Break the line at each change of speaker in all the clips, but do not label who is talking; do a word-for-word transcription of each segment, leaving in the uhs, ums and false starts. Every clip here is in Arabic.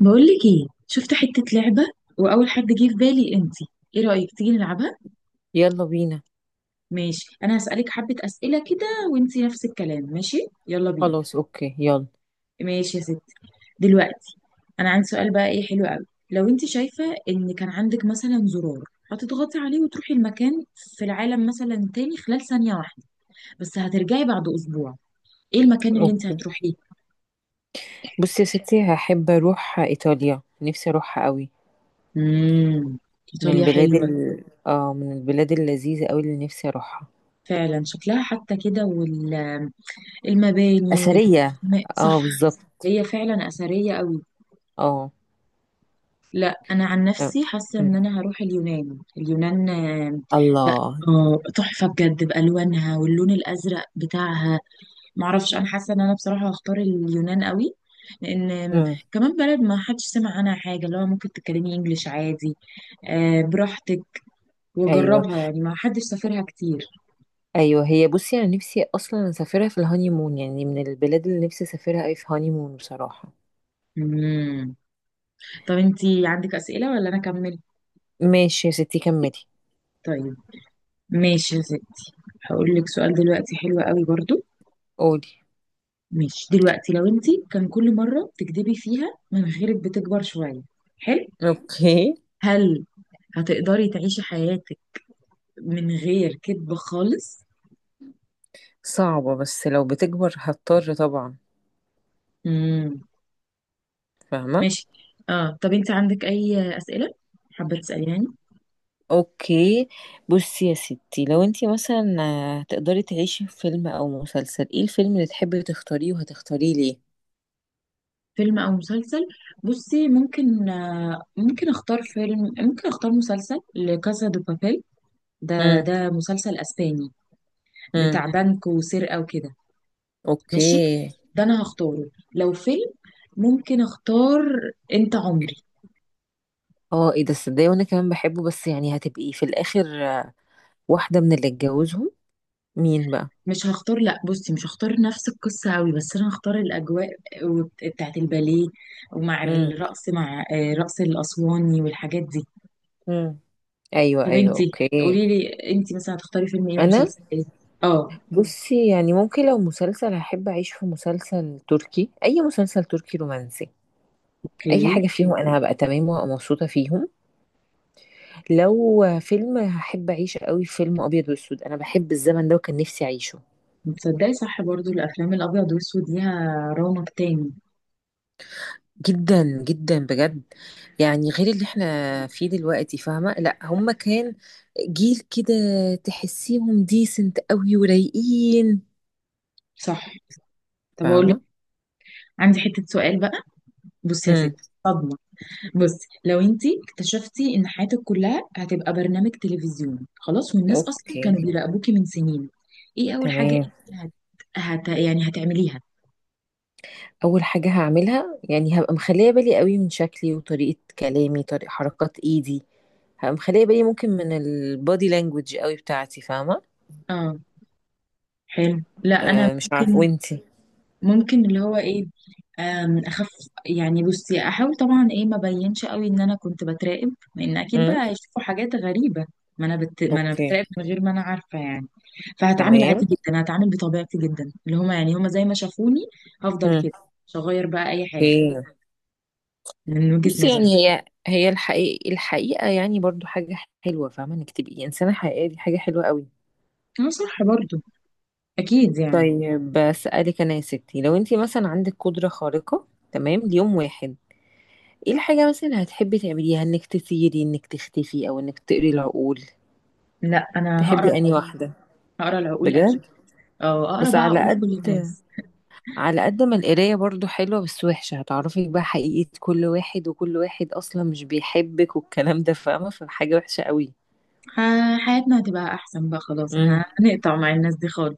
بقولك ايه، شفت حتة لعبة وأول حد جه في بالي انتي. ايه رأيك تيجي نلعبها؟
يلا بينا.
ماشي، أنا هسألك حبة أسئلة كده، وانتي نفس الكلام، ماشي؟ يلا بينا.
خلاص، اوكي، يلا.
ماشي يا ستي. دلوقتي أنا عندي سؤال بقى، ايه حلو قوي. لو انتي شايفة ان كان عندك مثلا زرار هتضغطي عليه وتروحي المكان في العالم مثلا تاني خلال ثانية واحدة، بس هترجعي بعد أسبوع، ايه المكان اللي انتي
اوكي.
هتروحيه؟
بصي يا ستي، هحب اروح ايطاليا، نفسي اروحها قوي.
امم.
من
إيطاليا
البلاد
حلوة.
ال... اه من البلاد اللذيذه قوي اللي نفسي اروحها.
فعلا شكلها حتى كده، وال المباني
اثريه.
والرسومات، صح.
اه، بالظبط.
هي فعلا أثرية قوي.
اه.
لا أنا عن
آه.
نفسي حاسة
أمم.
إن أنا هروح اليونان. اليونان آه، بقى،
الله.
آه، تحفة بجد بألوانها واللون الأزرق بتاعها. معرفش، أنا حاسة إن أنا بصراحة هختار اليونان قوي، لأن آم،
أمم.
كمان بلد ما حدش سمع عنها حاجة، اللي هو ممكن تتكلمي إنجليش عادي، آه، براحتك،
ايوه،
وجربها، يعني ما حدش سافرها كتير.
ايوه. هي، بصي، انا نفسي اصلا اسافرها في الهاني مون، يعني من البلاد اللي نفسي اسافرها قوي في هاني مون، بصراحه.
مم. طب انتي عندك أسئلة ولا أنا أكمل؟
ماشي يا ستي، كملي.
طيب، ماشي يا ستي. هقول لك سؤال دلوقتي حلو قوي برضو.
قولي.
ماشي، دلوقتي لو انت كان كل مرة بتكدبي فيها مناخيرك بتكبر شوية، حلو،
اوكي.
هل هتقدري تعيشي حياتك من غير كدب خالص؟
صعبه، بس لو بتكبر هضطر طبعا.
امم.
فاهمه.
ماشي. اه طب انت عندك اي أسئلة حابة تسأليني؟
اوكي. بصي يا ستي، لو انتي مثلا آه، تقدري تعيشي في فيلم او مسلسل، ايه الفيلم اللي تحبي تختاريه وهتختاريه ليه؟
فيلم او مسلسل، بصي ممكن، آه، ممكن اختار فيلم، ممكن اختار مسلسل لكاسا دو بابيل. ده،
امم.
ده مسلسل اسباني
امم.
بتاع بنك وسرقة وكده.
اوكي.
ماشي، ده انا هختاره. لو فيلم ممكن اختار انت عمري.
اه، ايه ده؟ صدقني وانا كمان بحبه، بس يعني هتبقي في الاخر آه، واحدة من اللي اتجوزهم. مين بقى؟
مش هختار، لا بصي مش هختار نفس القصة قوي، بس انا هختار الاجواء وبت- بتاعت الباليه، ومع
امم.
الرقص، مع آه، رقص الاسواني والحاجات دي.
امم. ايوه،
طب
ايوه.
انتي
اوكي.
قولي لي، انتي مثلا هتختاري فيلم ايه
انا،
ومسلسل ايه؟ اه.
بصي يعني ممكن لو مسلسل هحب اعيش في مسلسل تركي، اي مسلسل تركي رومانسي.
اوكي.
اي حاجة فيهم انا هبقى تمام ومبسوطة فيهم. لو فيلم، هحب اعيشه قوي فيلم ابيض واسود، انا بحب الزمن ده وكان نفسي اعيشه.
تصدقي صح، برضو الافلام الابيض والاسود ليها رونق تاني.
جدا جدا، بجد. يعني غير اللي احنا فيه دلوقتي، فاهمة؟ لا، هما كان جيل كده، تحسيهم ديسنت قوي ورايقين.
صح، طب اقول لك،
فاهمة.
عندي حتة سؤال بقى. بصي يا ستي،
امم.
صدمة. بصي لو انتي اكتشفتي ان حياتك كلها هتبقى برنامج تلفزيون خلاص، والناس اصلا
اوكي.
كانوا بيراقبوكي من سنين، ايه اول حاجة
تمام.
انت هت... هت... يعني هتعمليها؟
اول حاجه هعملها، يعني هبقى مخليه بالي قوي من شكلي وطريقه كلامي، طريقه حركات ايدي. هبقى مخليه بالي ممكن من البادي لانجوج قوي بتاعتي، فاهمه؟
اه، حلو. لا انا
أه مش عارفه،
ممكن
وانتي؟
ممكن اللي هو ايه، أم، اخف. يعني بصي احاول طبعا، ايه ما بينش قوي ان انا كنت بتراقب، لان اكيد بقى هيشوفوا حاجات غريبة. ما انا بت... ما انا
اوكي.
بتراقب من غير ما انا عارفة يعني. فهتعامل عادي
تمام.
جدا، هتعامل بطبيعتي جدا، اللي هما يعني هما زي ما شافوني. هفضل
مم.
كده، مش هغير بقى اي حاجة،
اوكي.
من وجهة
بص،
نظري.
يعني هي هي الحقيقة الحقيقة، يعني برضو حاجة حلوة، فاهمة انك تبقي انسانة حقيقية؟ دي حاجة حلوة قوي.
هو صح برضو، اكيد يعني.
طيب، بسألك انا يا ستي، لو انت مثلا عندك قدرة خارقة تمام ليوم واحد، ايه الحاجة مثلا هتحبي تعمليها؟ انك تطيري، انك تختفي، او انك تقري العقول؟
لا انا هقرا
تحبي انهي
العقول-
واحدة؟
هقرا العقول
بجد؟
اكيد، او اقرا
بس
بقى
على
عقول
قد
كل الناس.
على قد ما القراية برضو حلوة بس وحشة، هتعرفي بقى حقيقة كل واحد، وكل واحد أصلا مش بيحبك والكلام ده، فاهمة؟ فحاجة وحشة قوي.
ح- حياتنا هتبقى احسن بقى، خلاص ه-
امم.
هنقطع مع الناس دي خالص.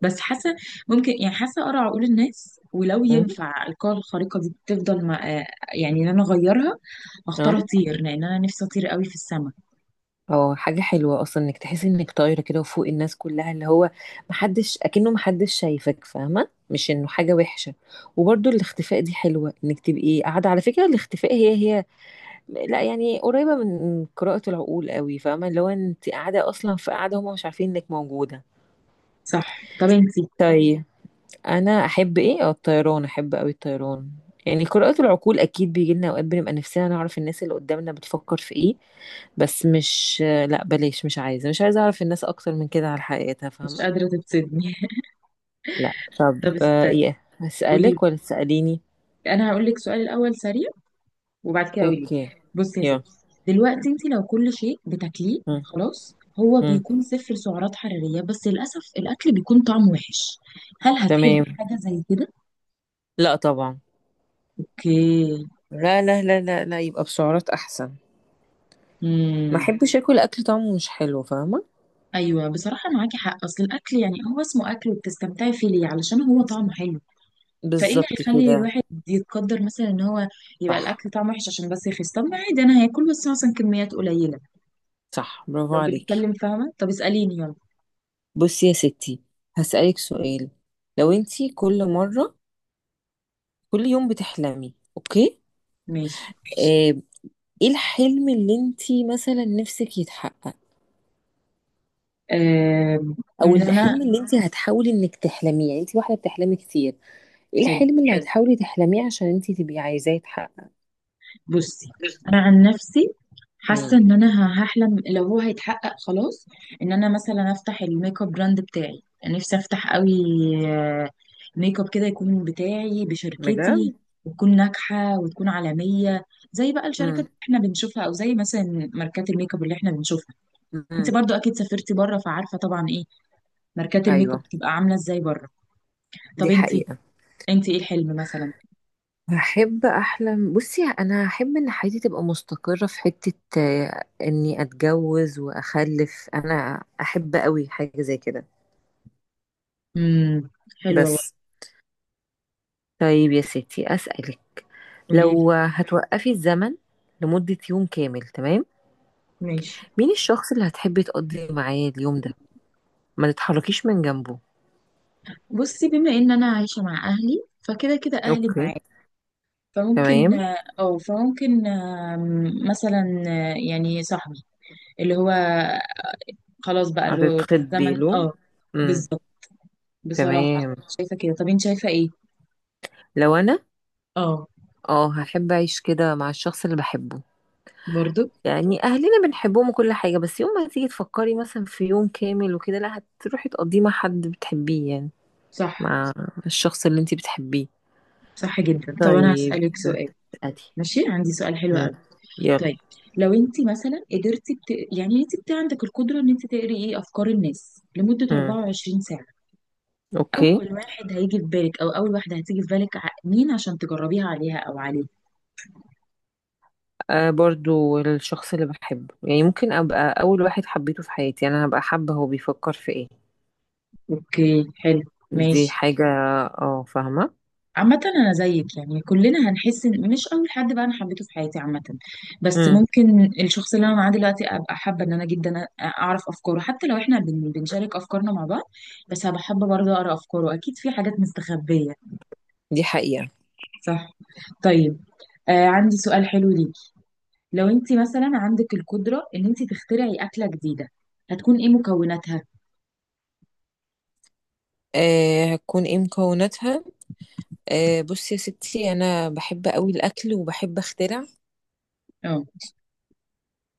بس حاسه، ممكن يعني حاسه اقرا عقول الناس، ولو
امم.
ينفع القوة الخارقة دي تفضل مع، آه، يعني ان انا اغيرها، هختار
اه.
اطير، لان انا نفسي اطير قوي في السما.
هو حاجة حلوة أصلا إنك تحسي إنك طايرة كده وفوق الناس كلها، اللي هو محدش، أكنه محدش شايفك، فاهمة؟ مش إنه حاجة وحشة. وبرضو الاختفاء دي حلوة، إنك تبقي قاعدة. على فكرة الاختفاء هي هي، لا، يعني قريبة من قراءة العقول قوي، فاهمة؟ اللي هو أنت قاعدة أصلا، في قاعدة هما مش عارفين إنك موجودة.
صح، طب انتي
طيب، انا احب ايه، اه الطيران، احب قوي الطيران. يعني قراءة العقول اكيد بيجي لنا اوقات بنبقى نفسنا نعرف الناس اللي قدامنا بتفكر في ايه. بس مش، لا بلاش، مش عايزه مش عايزه اعرف الناس اكتر من كده على حقيقتها،
مش
فاهمه.
قادرة تتصدمي.
لا طب
طب
آه،
استني،
ايه،
قولي.
هسألك ولا تسأليني؟
انا هقول لك سؤال الاول سريع، وبعد كده قولي لي.
اوكي.
بصي يا ستي،
يلا.
دلوقتي انت لو كل شيء بتاكليه
مم.
خلاص هو
مم.
بيكون صفر سعرات حرارية، بس للأسف الأكل بيكون طعمه وحش، هل هتحبي
تمام.
حاجة زي كده؟
لا طبعا.
اوكي.
لا لا لا لا لا، يبقى بسعرات احسن. ما
امم.
احبش اكل اكل طعمه مش حلو، فاهمه.
ايوه بصراحة معاكي حق، أصل الأكل يعني هو اسمه أكل، وبتستمتعي فيه ليه؟ علشان هو طعمه حلو. فايه اللي
بالظبط
هيخلي
كده.
الواحد يتقدر مثلا ان هو يبقى
صح،
الاكل طعمه وحش عشان بس يخس؟ طب ما عادي انا هاكل بس مثلا كميات قليله
صح. برافو
لو
عليكي.
بنتكلم، فاهمه؟ طب اساليني، يلا.
بصي يا ستي، هسألك سؤال. لو انتي كل مرة كل يوم بتحلمي، اوكي،
ماشي
آه، ايه الحلم اللي انتي مثلا نفسك يتحقق؟
آه
او
ان انا
الحلم اللي انتي هتحاولي انك تحلميه؟ يعني انتي واحدة بتحلمي كتير، ايه
حلو،
الحلم اللي هتحاولي تحلميه عشان انتي تبقي عايزاه يتحقق؟
بصي انا عن نفسي حاسه
مم.
ان انا ه- هحلم لو هو هيتحقق خلاص، ان انا مثلا افتح الميك اب براند بتاعي، يعني نفسي افتح قوي، آه، ميك اب كده يكون بتاعي بشركتي،
بجد.
وتكون ناجحه وتكون عالميه، زي بقى الشركات
مم.
اللي احنا بنشوفها، او زي مثلا ماركات الميك اب اللي احنا بنشوفها. انت
مم.
برضو اكيد سافرتي بره، فعارفه طبعا ايه ماركات الميك اب
ايوه،
بتبقى عامله ازاي بره. طب
دي
انت،
حقيقة.
انت ايه الحلم مثلا؟
هحب احلم. بصي، انا هحب ان حياتي تبقى مستقرة في حتة، آه، اني اتجوز واخلف، انا احب قوي حاجة زي كده.
امم. حلوه.
بس. طيب يا ستي، اسألك.
قولي،
لو هتوقفي الزمن لمدة يوم كامل، تمام،
ماشي.
مين الشخص اللي هتحبي تقضي معاه اليوم ده، ما تتحركيش من جنبه؟
بصي بما ان انا عايشه مع اهلي، فكده كده اهلي
اوكي.
معايا، فممكن
تمام.
اه فممكن آم، مثلا آه، يعني صاحبي اللي هو، خلاص بقى اللي هو
هتتخضي
الزمن
له.
اه.
امم.
بالظبط، بصراحه
تمام.
شايفه كده. طب انت شايفه ايه؟
لو انا،
اه،
اه هحب اعيش كده مع الشخص اللي بحبه.
برضو
يعني اهلنا بنحبهم وكل حاجه، بس يوم ما تيجي تفكري مثلا في يوم كامل وكده، لا، هتروحي تقضيه مع حد بتحبيه، يعني
صح.
مع الشخص اللي انت بتحبيه.
صح جدا. طب انا
طيب،
هسالك
طيب.
سؤال،
ادي.
ماشي عندي سؤال حلو
مم.
قوي.
يلا.
طيب، لو انت مثلا قدرتي بت... يعني انت بت... عندك القدره ان انت تقري ايه افكار الناس لمده
مم.
أربعة وعشرين ساعه،
اوكي.
اول واحد هيجي في بالك او اول واحده هتيجي في بالك، ع- مين عشان تجربيها عليها او عليه؟
آه، برضو الشخص اللي بحبه، يعني ممكن ابقى اول واحد حبيته في حياتي، يعني انا هبقى حابه هو بيفكر في ايه.
اوكي، حلو.
دي
ماشي.
حاجه. اه، فاهمه.
عامة أنا زيك يعني، كلنا هنحس إن مش أول حد بقى أنا حبيته في حياتي عامة. بس
مم.
ممكن الشخص اللي أنا معاه دلوقتي أبقى حابة إن أنا جدا أ- أعرف أفكاره، حتى لو إحنا بن- بنشارك أفكارنا مع بعض. بس هبقى حابة برضه أقرأ أفكاره، أكيد في حاجات مستخبية.
دي حقيقه.
صح، طيب. آه، عندي سؤال حلو ليكي. لو أنت مثلا عندك القدرة إن أنت تخترعي أكلة جديدة، هتكون إيه مكوناتها؟
آه، هتكون ايه مكوناتها. آه بصي يا ستي، انا بحب قوي الاكل وبحب اخترع.
آه.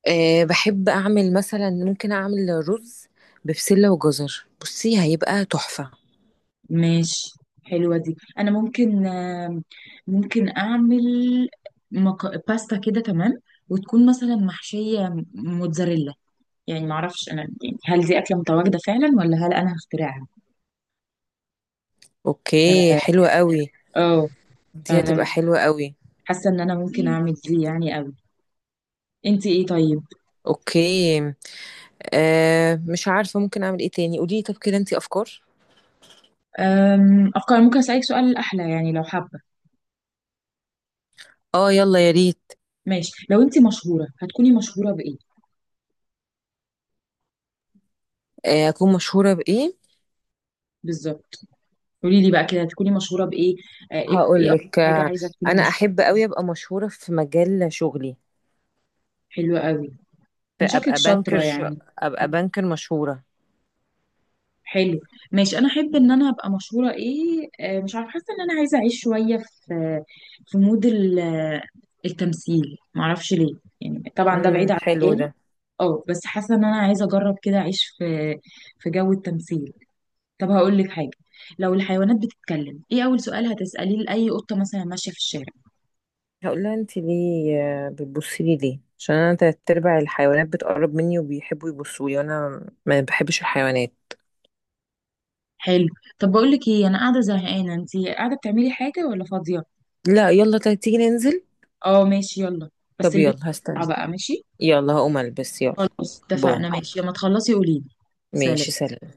أه، بحب أعمل مثلا، ممكن أعمل رز ببسلة وجزر، بصي هيبقى تحفة.
ماشي. حلوة دي، أنا ممكن، آم، ممكن أعمل مك... باستا كده كمان، وتكون مثلا محشية موتزاريلا. يعني معرفش أنا، يعني هل دي أكلة متواجدة فعلا ولا هل أنا هخترعها؟
أوكي
ف...
حلوة قوي.
اه
دي هتبقى
فأنا
حلوة قوي.
حاسة إن أنا ممكن أعمل دي يعني أوي. أنت إيه طيب؟
أوكي. أه، مش عارفة ممكن أعمل إيه تاني، قولي لي طب كده أنتي، أفكار.
أم... أفكار. ممكن أسألك سؤال أحلى، يعني لو حابة؟
آه يلا يا ريت.
ماشي، لو أنت مشهورة هتكوني مشهورة بإيه
آه، أكون مشهورة بإيه.
بالظبط؟ قولي لي بقى كده، هتكوني مشهورة بإيه؟ آه، إيه، إيه
هقول
أكتر
لك،
حاجة
آه،
عايزة تكوني
أنا
مشهورة؟
أحب قوي أبقى مشهورة في مجال شغلي.
حلوة أوي، من شكلك
فأبقى بانكر
شاطرة
ش...
يعني.
أبقى
مم.
بانكر مشهورة.
حلو. ماشي. انا احب ان انا ابقى مشهورة ايه، آه، مش عارفة، حاسة ان انا عايزة اعيش شوية في، في مود ال- آه، التمثيل. معرفش ليه، يعني طبعا ده بعيد
امم،
عن
حلو
مجالي.
ده.
اه بس حاسة ان انا عايزة اجرب كده اعيش في، في جو التمثيل. طب هقول لك حاجة، لو الحيوانات بتتكلم، ايه اول سؤال هتسأليه لأي قطة مثلا ماشية في الشارع؟
هقول لها، انت ليه آه، بتبصي لي ليه؟ عشان انا تلات ارباع الحيوانات بتقرب مني وبيحبوا يبصوا لي وانا ما بحبش الحيوانات.
حلو. طب بقول لك ايه، انا قاعدة زهقانة، انتي قاعدة بتعملي حاجة ولا فاضية؟
لا، يلا طيب، تيجي ننزل.
اه ماشي يلا، بس
طب
البيت
يلا، هستنى.
بقى ماشي.
يلا هقوم البس، يلا.
خلاص
بو.
اتفقنا، ماشي لما تخلصي قوليلي. سلام.
ماشي، سلام.